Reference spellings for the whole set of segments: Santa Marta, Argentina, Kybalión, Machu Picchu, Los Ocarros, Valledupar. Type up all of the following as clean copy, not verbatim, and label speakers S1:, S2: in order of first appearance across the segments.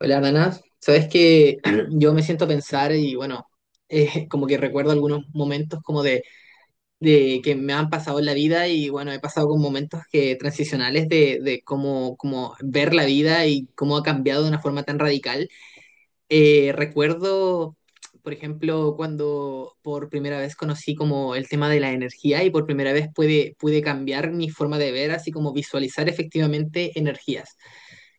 S1: Hola, Dana. Sabes que yo me siento a pensar y bueno, como que recuerdo algunos momentos de que me han pasado en la vida y bueno, he pasado con momentos que transicionales de cómo ver la vida y cómo ha cambiado de una forma tan radical. Recuerdo, por ejemplo, cuando por primera vez conocí como el tema de la energía y por primera vez pude cambiar mi forma de ver, así como visualizar efectivamente energías.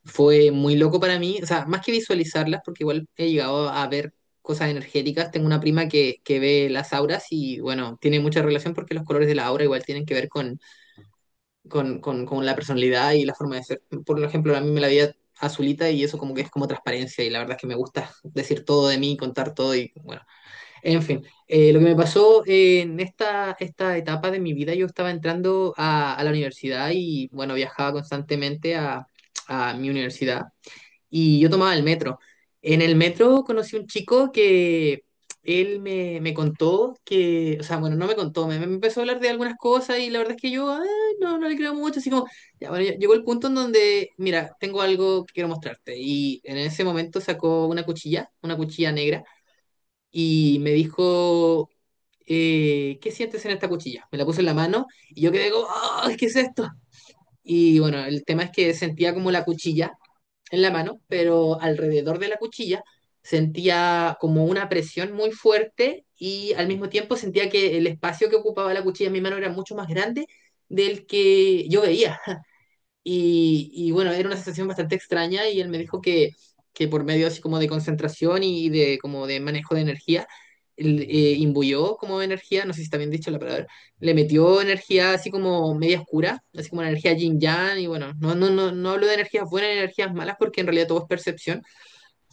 S1: Fue muy loco para mí, o sea, más que visualizarlas, porque igual he llegado a ver cosas energéticas. Tengo una prima que ve las auras y, bueno, tiene mucha relación porque los colores de la aura igual tienen que ver con la personalidad y la forma de ser. Por ejemplo, a mí me la veía azulita y eso como que es como transparencia y la verdad es que me gusta decir todo de mí, contar todo y, bueno, en fin. Lo que me pasó en esta etapa de mi vida, yo estaba entrando a la universidad y, bueno, viajaba constantemente a mi universidad y yo tomaba el metro. En el metro conocí un chico que él me contó que, o sea, bueno, no me contó, me empezó a hablar de algunas cosas y la verdad es que yo no, no le creo mucho, así como, ya, bueno, ya llegó el punto en donde, mira, tengo algo que quiero mostrarte. Y en ese momento sacó una cuchilla negra, y me dijo, ¿qué sientes en esta cuchilla? Me la puso en la mano y yo quedé como, "Ah, ¿qué es esto?" Y bueno, el tema es que sentía como la cuchilla en la mano, pero alrededor de la cuchilla sentía como una presión muy fuerte y al mismo tiempo sentía que el espacio que ocupaba la cuchilla en mi mano era mucho más grande del que yo veía. Y bueno, era una sensación bastante extraña y él me dijo que por medio así como de concentración y de como de manejo de energía, él, imbuyó como energía, no sé si está bien dicho la palabra, le metió energía así como media oscura, así como una energía yin yang y bueno, no hablo de energías buenas ni energías malas porque en realidad todo es percepción,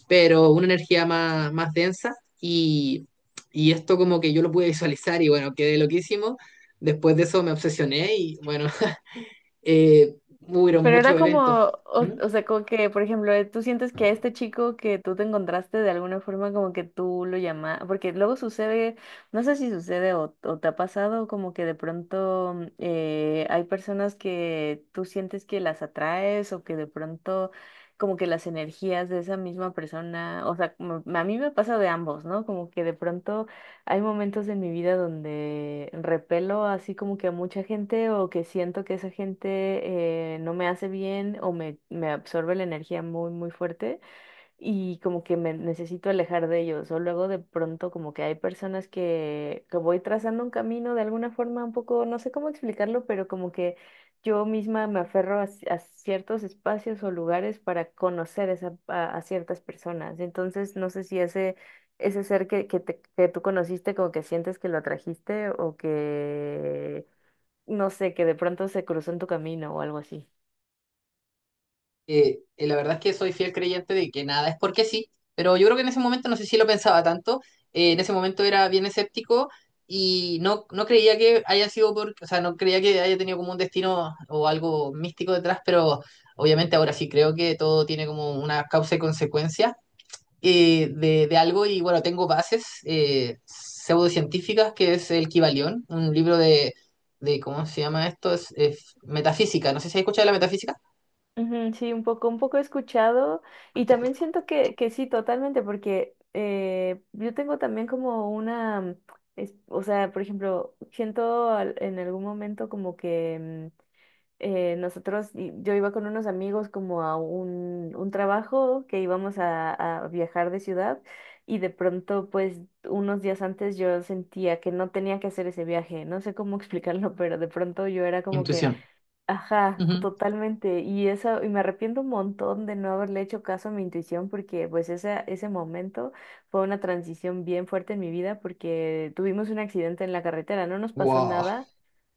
S1: pero una energía más densa y, y esto como que yo lo pude visualizar y bueno, quedé loquísimo. Después de eso me obsesioné y bueno, hubieron
S2: Pero era
S1: muchos
S2: como,
S1: eventos. ¿M?
S2: o sea, como que, por ejemplo, tú sientes que a este chico que tú te encontraste de alguna forma como que tú lo llamas, porque luego sucede, no sé si sucede o te ha pasado como que de pronto hay personas que tú sientes que las atraes o que de pronto como que las energías de esa misma persona, o sea, como a mí me pasa de ambos, ¿no? Como que de pronto hay momentos en mi vida donde repelo así como que a mucha gente o que siento que esa gente no me hace bien o me absorbe la energía muy, muy fuerte y como que me necesito alejar de ellos. O luego de pronto como que hay personas que voy trazando un camino de alguna forma un poco, no sé cómo explicarlo, pero como que yo misma me aferro a, a ciertos espacios o lugares para conocer esa a ciertas personas. Entonces, no sé si ese, ese ser que, que tú conociste como que sientes que lo atrajiste o que, no sé, que de pronto se cruzó en tu camino o algo así.
S1: La verdad es que soy fiel creyente de que nada es porque sí, pero yo creo que en ese momento, no sé si lo pensaba tanto, en ese momento era bien escéptico y no, no creía que haya sido por, o sea, no creía que haya tenido como un destino o algo místico detrás, pero obviamente ahora sí creo que todo tiene como una causa y consecuencia. De de algo y bueno, tengo bases pseudocientíficas, que es el Kybalión, un libro de ¿cómo se llama esto? Es metafísica, no sé si has escuchado de la metafísica.
S2: Ujú, sí, un poco he escuchado y también siento que sí, totalmente, porque yo tengo también como una, o sea, por ejemplo, siento en algún momento como que nosotros, yo iba con unos amigos como a un trabajo que íbamos a viajar de ciudad y de pronto, pues, unos días antes yo sentía que no tenía que hacer ese viaje, no sé cómo explicarlo, pero de pronto yo era como que
S1: Intuición.
S2: ajá,
S1: Ujú.
S2: totalmente. Y eso, y me arrepiento un montón de no haberle hecho caso a mi intuición porque pues ese momento fue una transición bien fuerte en mi vida porque tuvimos un accidente en la carretera, no nos pasó
S1: Wow,
S2: nada,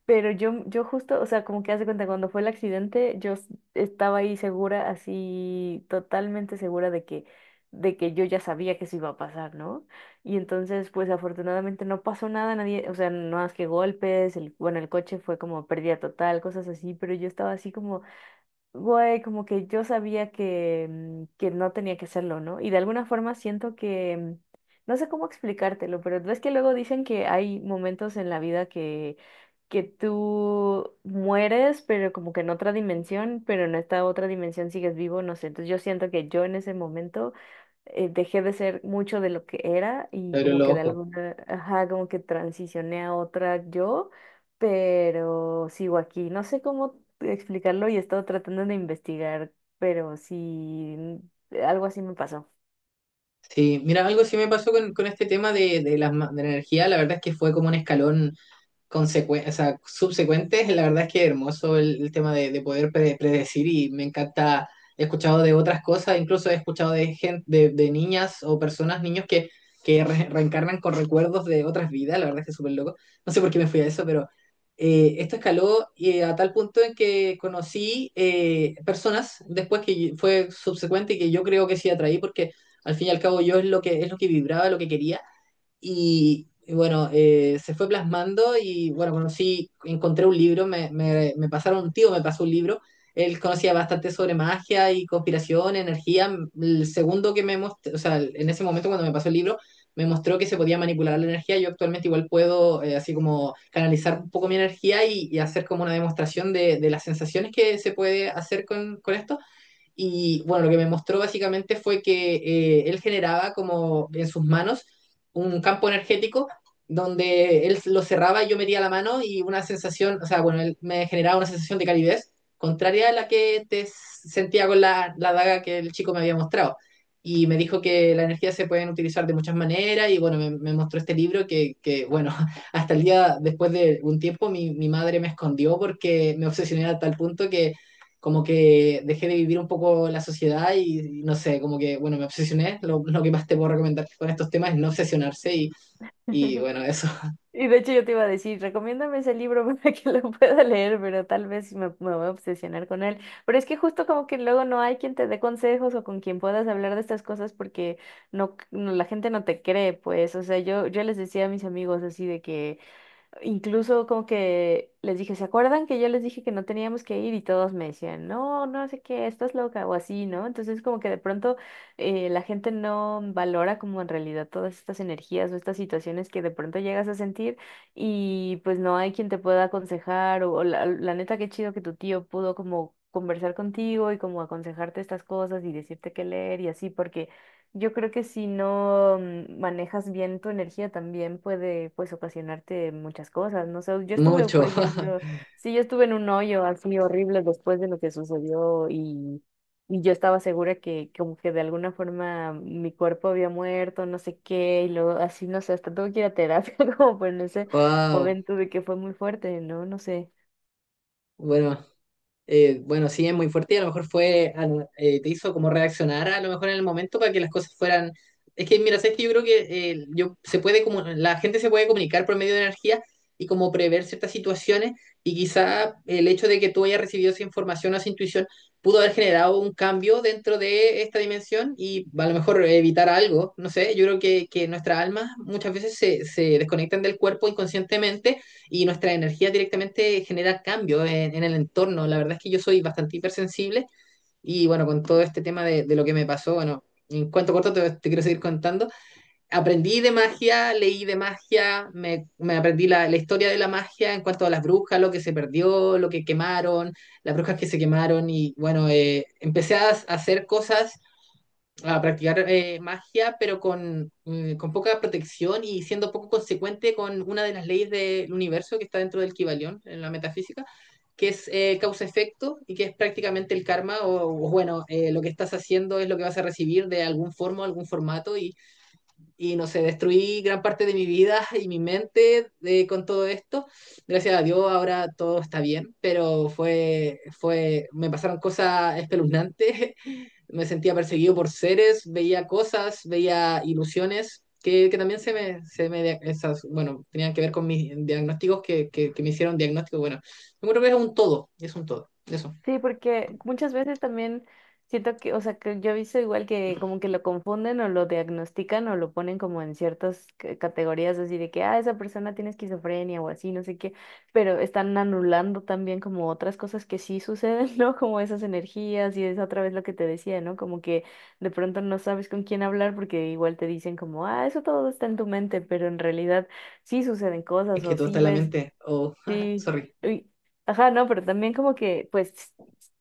S2: pero yo justo, o sea, como que haz de cuenta, cuando fue el accidente, estaba ahí segura, así totalmente segura de que yo ya sabía que eso iba a pasar, ¿no? Y entonces, pues afortunadamente no pasó nada, nadie, o sea, no más que golpes, el, bueno, el coche fue como pérdida total, cosas así, pero yo estaba así como, güey, como que yo sabía que, que no tenía que hacerlo, ¿no? Y de alguna forma siento que, no sé cómo explicártelo, pero ves que luego dicen que hay momentos en la vida que tú mueres, pero como que en otra dimensión, pero en esta otra dimensión sigues vivo, no sé, entonces yo siento que yo en ese momento dejé de ser mucho de lo que era
S1: te
S2: y
S1: abrió
S2: como
S1: los
S2: que de
S1: ojos.
S2: alguna, ajá, como que transicioné a otra yo, pero sigo aquí. No sé cómo explicarlo y he estado tratando de investigar, pero sí, algo así me pasó.
S1: Sí, mira, algo sí me pasó con este tema de las ma- de la energía, la verdad es que fue como un escalón consecu- o sea, subsecuentes, la verdad es que hermoso el tema de poder pre- predecir y me encanta, he escuchado de otras cosas, incluso he escuchado de gente, de niñas o personas, niños que re- reencarnan con recuerdos de otras vidas, la verdad es que es súper loco, no sé por qué me fui a eso, pero esto escaló y a tal punto en que conocí personas después que yo- fue subsecuente y que yo creo que sí atraí porque al fin y al cabo yo es lo que vibraba, lo que quería y bueno, se fue plasmando y bueno, conocí, encontré un libro, me pasaron un tío, me pasó un libro. Él conocía bastante sobre magia y conspiración, energía. El segundo que me mostró, o sea, en ese momento cuando me pasó el libro, me mostró que se podía manipular la energía. Yo actualmente igual puedo así como canalizar un poco mi energía y hacer como una demostración de las sensaciones que se puede hacer con esto. Y bueno, lo que me mostró básicamente fue que él generaba como en sus manos un campo energético donde él lo cerraba y yo metía la mano y una sensación, o sea, bueno, él me generaba una sensación de calidez contraria a la que te sentía con la, la daga que el chico me había mostrado. Y me dijo que la energía se pueden utilizar de muchas maneras y bueno, me mostró este libro que, bueno, hasta el día después de un tiempo mi madre me escondió porque me obsesioné a tal punto que como que dejé de vivir un poco la sociedad y no sé, como que, bueno, me obsesioné. Lo que más te puedo recomendar con estos temas es no obsesionarse y bueno, eso.
S2: Y de hecho yo te iba a decir, recomiéndame ese libro para que lo pueda leer, pero tal vez sí me voy a obsesionar con él. Pero es que justo como que luego no hay quien te dé consejos o con quien puedas hablar de estas cosas porque no, la gente no te cree, pues. O sea, yo les decía a mis amigos así de que incluso como que les dije, ¿se acuerdan que yo les dije que no teníamos que ir? Y todos me decían, no, no sé qué, estás loca o así, ¿no? Entonces como que de pronto la gente no valora como en realidad todas estas energías o estas situaciones que de pronto llegas a sentir y pues no hay quien te pueda aconsejar o la neta qué chido que tu tío pudo como conversar contigo y como aconsejarte estas cosas y decirte qué leer y así, porque yo creo que si no manejas bien tu energía también puede pues ocasionarte muchas cosas, ¿no? Sé, yo estuve,
S1: Mucho.
S2: por ejemplo, sí, yo estuve en un hoyo así horrible después de lo que sucedió y yo estaba segura que como que de alguna forma mi cuerpo había muerto, no sé qué, y luego así, no sé, hasta tuve que ir a terapia como por en ese
S1: Wow.
S2: momento de que fue muy fuerte, ¿no? No sé.
S1: Bueno, bueno, sí, es muy fuerte y a lo mejor fue, al- te hizo como reaccionar a lo mejor en el momento para que las cosas fueran... Es que, mira, sabes que yo creo que se puede como, la gente se puede comunicar por medio de energía y como prever ciertas situaciones y quizá el hecho de que tú hayas recibido esa información o esa intuición pudo haber generado un cambio dentro de esta dimensión y a lo mejor evitar algo, no sé, yo creo que nuestras almas muchas veces se desconectan del cuerpo inconscientemente y nuestra energía directamente genera cambios el entorno. La verdad es que yo soy bastante hipersensible y bueno, con todo este tema de lo que me pasó, bueno, en cuanto corto te quiero seguir contando. Aprendí de magia, leí de magia, me aprendí la historia de la magia en cuanto a las brujas, lo que se perdió, lo que quemaron, las brujas que se quemaron y bueno, empecé a hacer cosas a practicar magia, pero con poca protección y siendo poco consecuente con una de las leyes del universo que está dentro del Kybalión, en la metafísica, que es causa-efecto y que es prácticamente el karma, o bueno, lo que estás haciendo es lo que vas a recibir de algún forma, algún formato, y no sé, destruí gran parte de mi vida y mi mente de, con todo esto. Gracias a Dios ahora todo está bien, pero fue, me pasaron cosas espeluznantes, me sentía perseguido por seres, veía cosas, veía ilusiones. Que también se me dia- esas, bueno, tenían que ver con mis diagnósticos que me hicieron diagnósticos. Bueno, yo creo que es un todo, eso.
S2: Sí, porque muchas veces también siento que, o sea, que yo he visto igual que como que lo confunden o lo diagnostican o lo ponen como en ciertas categorías así de que, ah, esa persona tiene esquizofrenia o así, no sé qué, pero están anulando también como otras cosas que sí suceden, ¿no? Como esas energías y es otra vez lo que te decía, ¿no? Como que de pronto no sabes con quién hablar porque igual te dicen como, ah, eso todo está en tu mente, pero en realidad sí suceden cosas
S1: Es que
S2: o
S1: todo está
S2: sí
S1: en la
S2: ves
S1: mente. Oh,
S2: sí,
S1: sorry.
S2: uy, ajá, no, pero también como que, pues,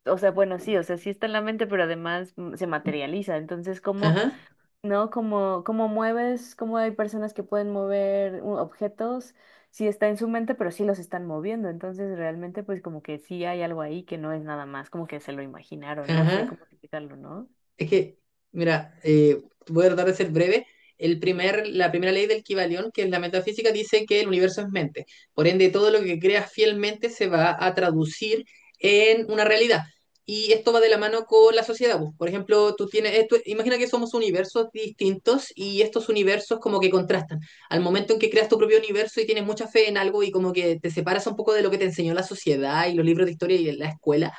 S2: o sea, bueno, sí, o sea, sí está en la mente, pero además se materializa. Entonces, ¿cómo,
S1: Ajá,
S2: no? ¿Cómo, cómo mueves? ¿Cómo hay personas que pueden mover objetos? Sí está en su mente, pero sí los están moviendo. Entonces, realmente, pues, como que sí hay algo ahí que no es nada más, como que se lo imaginaron, no sé
S1: ajá.
S2: cómo explicarlo, no.
S1: Es que, mira, voy a tratar de ser breve. La primera ley del Kybalión, que es la metafísica, dice que el universo es mente. Por ende, todo lo que creas fielmente se va a traducir en una realidad. Y esto va de la mano con la sociedad. Pues. Por ejemplo, tú tienes, imagina que somos universos distintos y estos universos como que contrastan. Al momento en que creas tu propio universo y tienes mucha fe en algo y como que te separas un poco de lo que te enseñó la sociedad y los libros de historia y la escuela,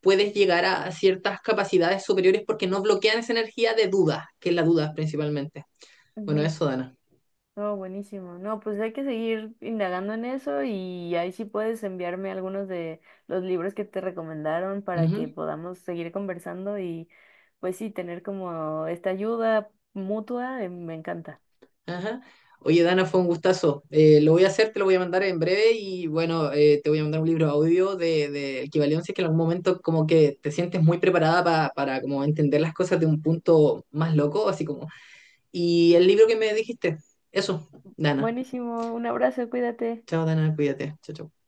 S1: puedes llegar a ciertas capacidades superiores porque no bloquean esa energía de duda, que es la duda principalmente. Bueno, eso, Dana.
S2: No, buenísimo. No, pues hay que seguir indagando en eso y ahí sí puedes enviarme algunos de los libros que te recomendaron para que
S1: Ujú,
S2: podamos seguir conversando y pues sí, tener como esta ayuda mutua, me encanta.
S1: ajá. Oye, Dana, fue un gustazo. Lo voy a hacer, te lo voy a mandar en breve y bueno, te voy a mandar un libro audio de equivalencia que en algún momento como que te sientes muy preparada pa- para como entender las cosas de un punto más loco, así como. Y el libro que me dijiste, eso, Dana.
S2: Buenísimo, un abrazo, cuídate.
S1: Chao, Dana, cuídate. Chao, chao.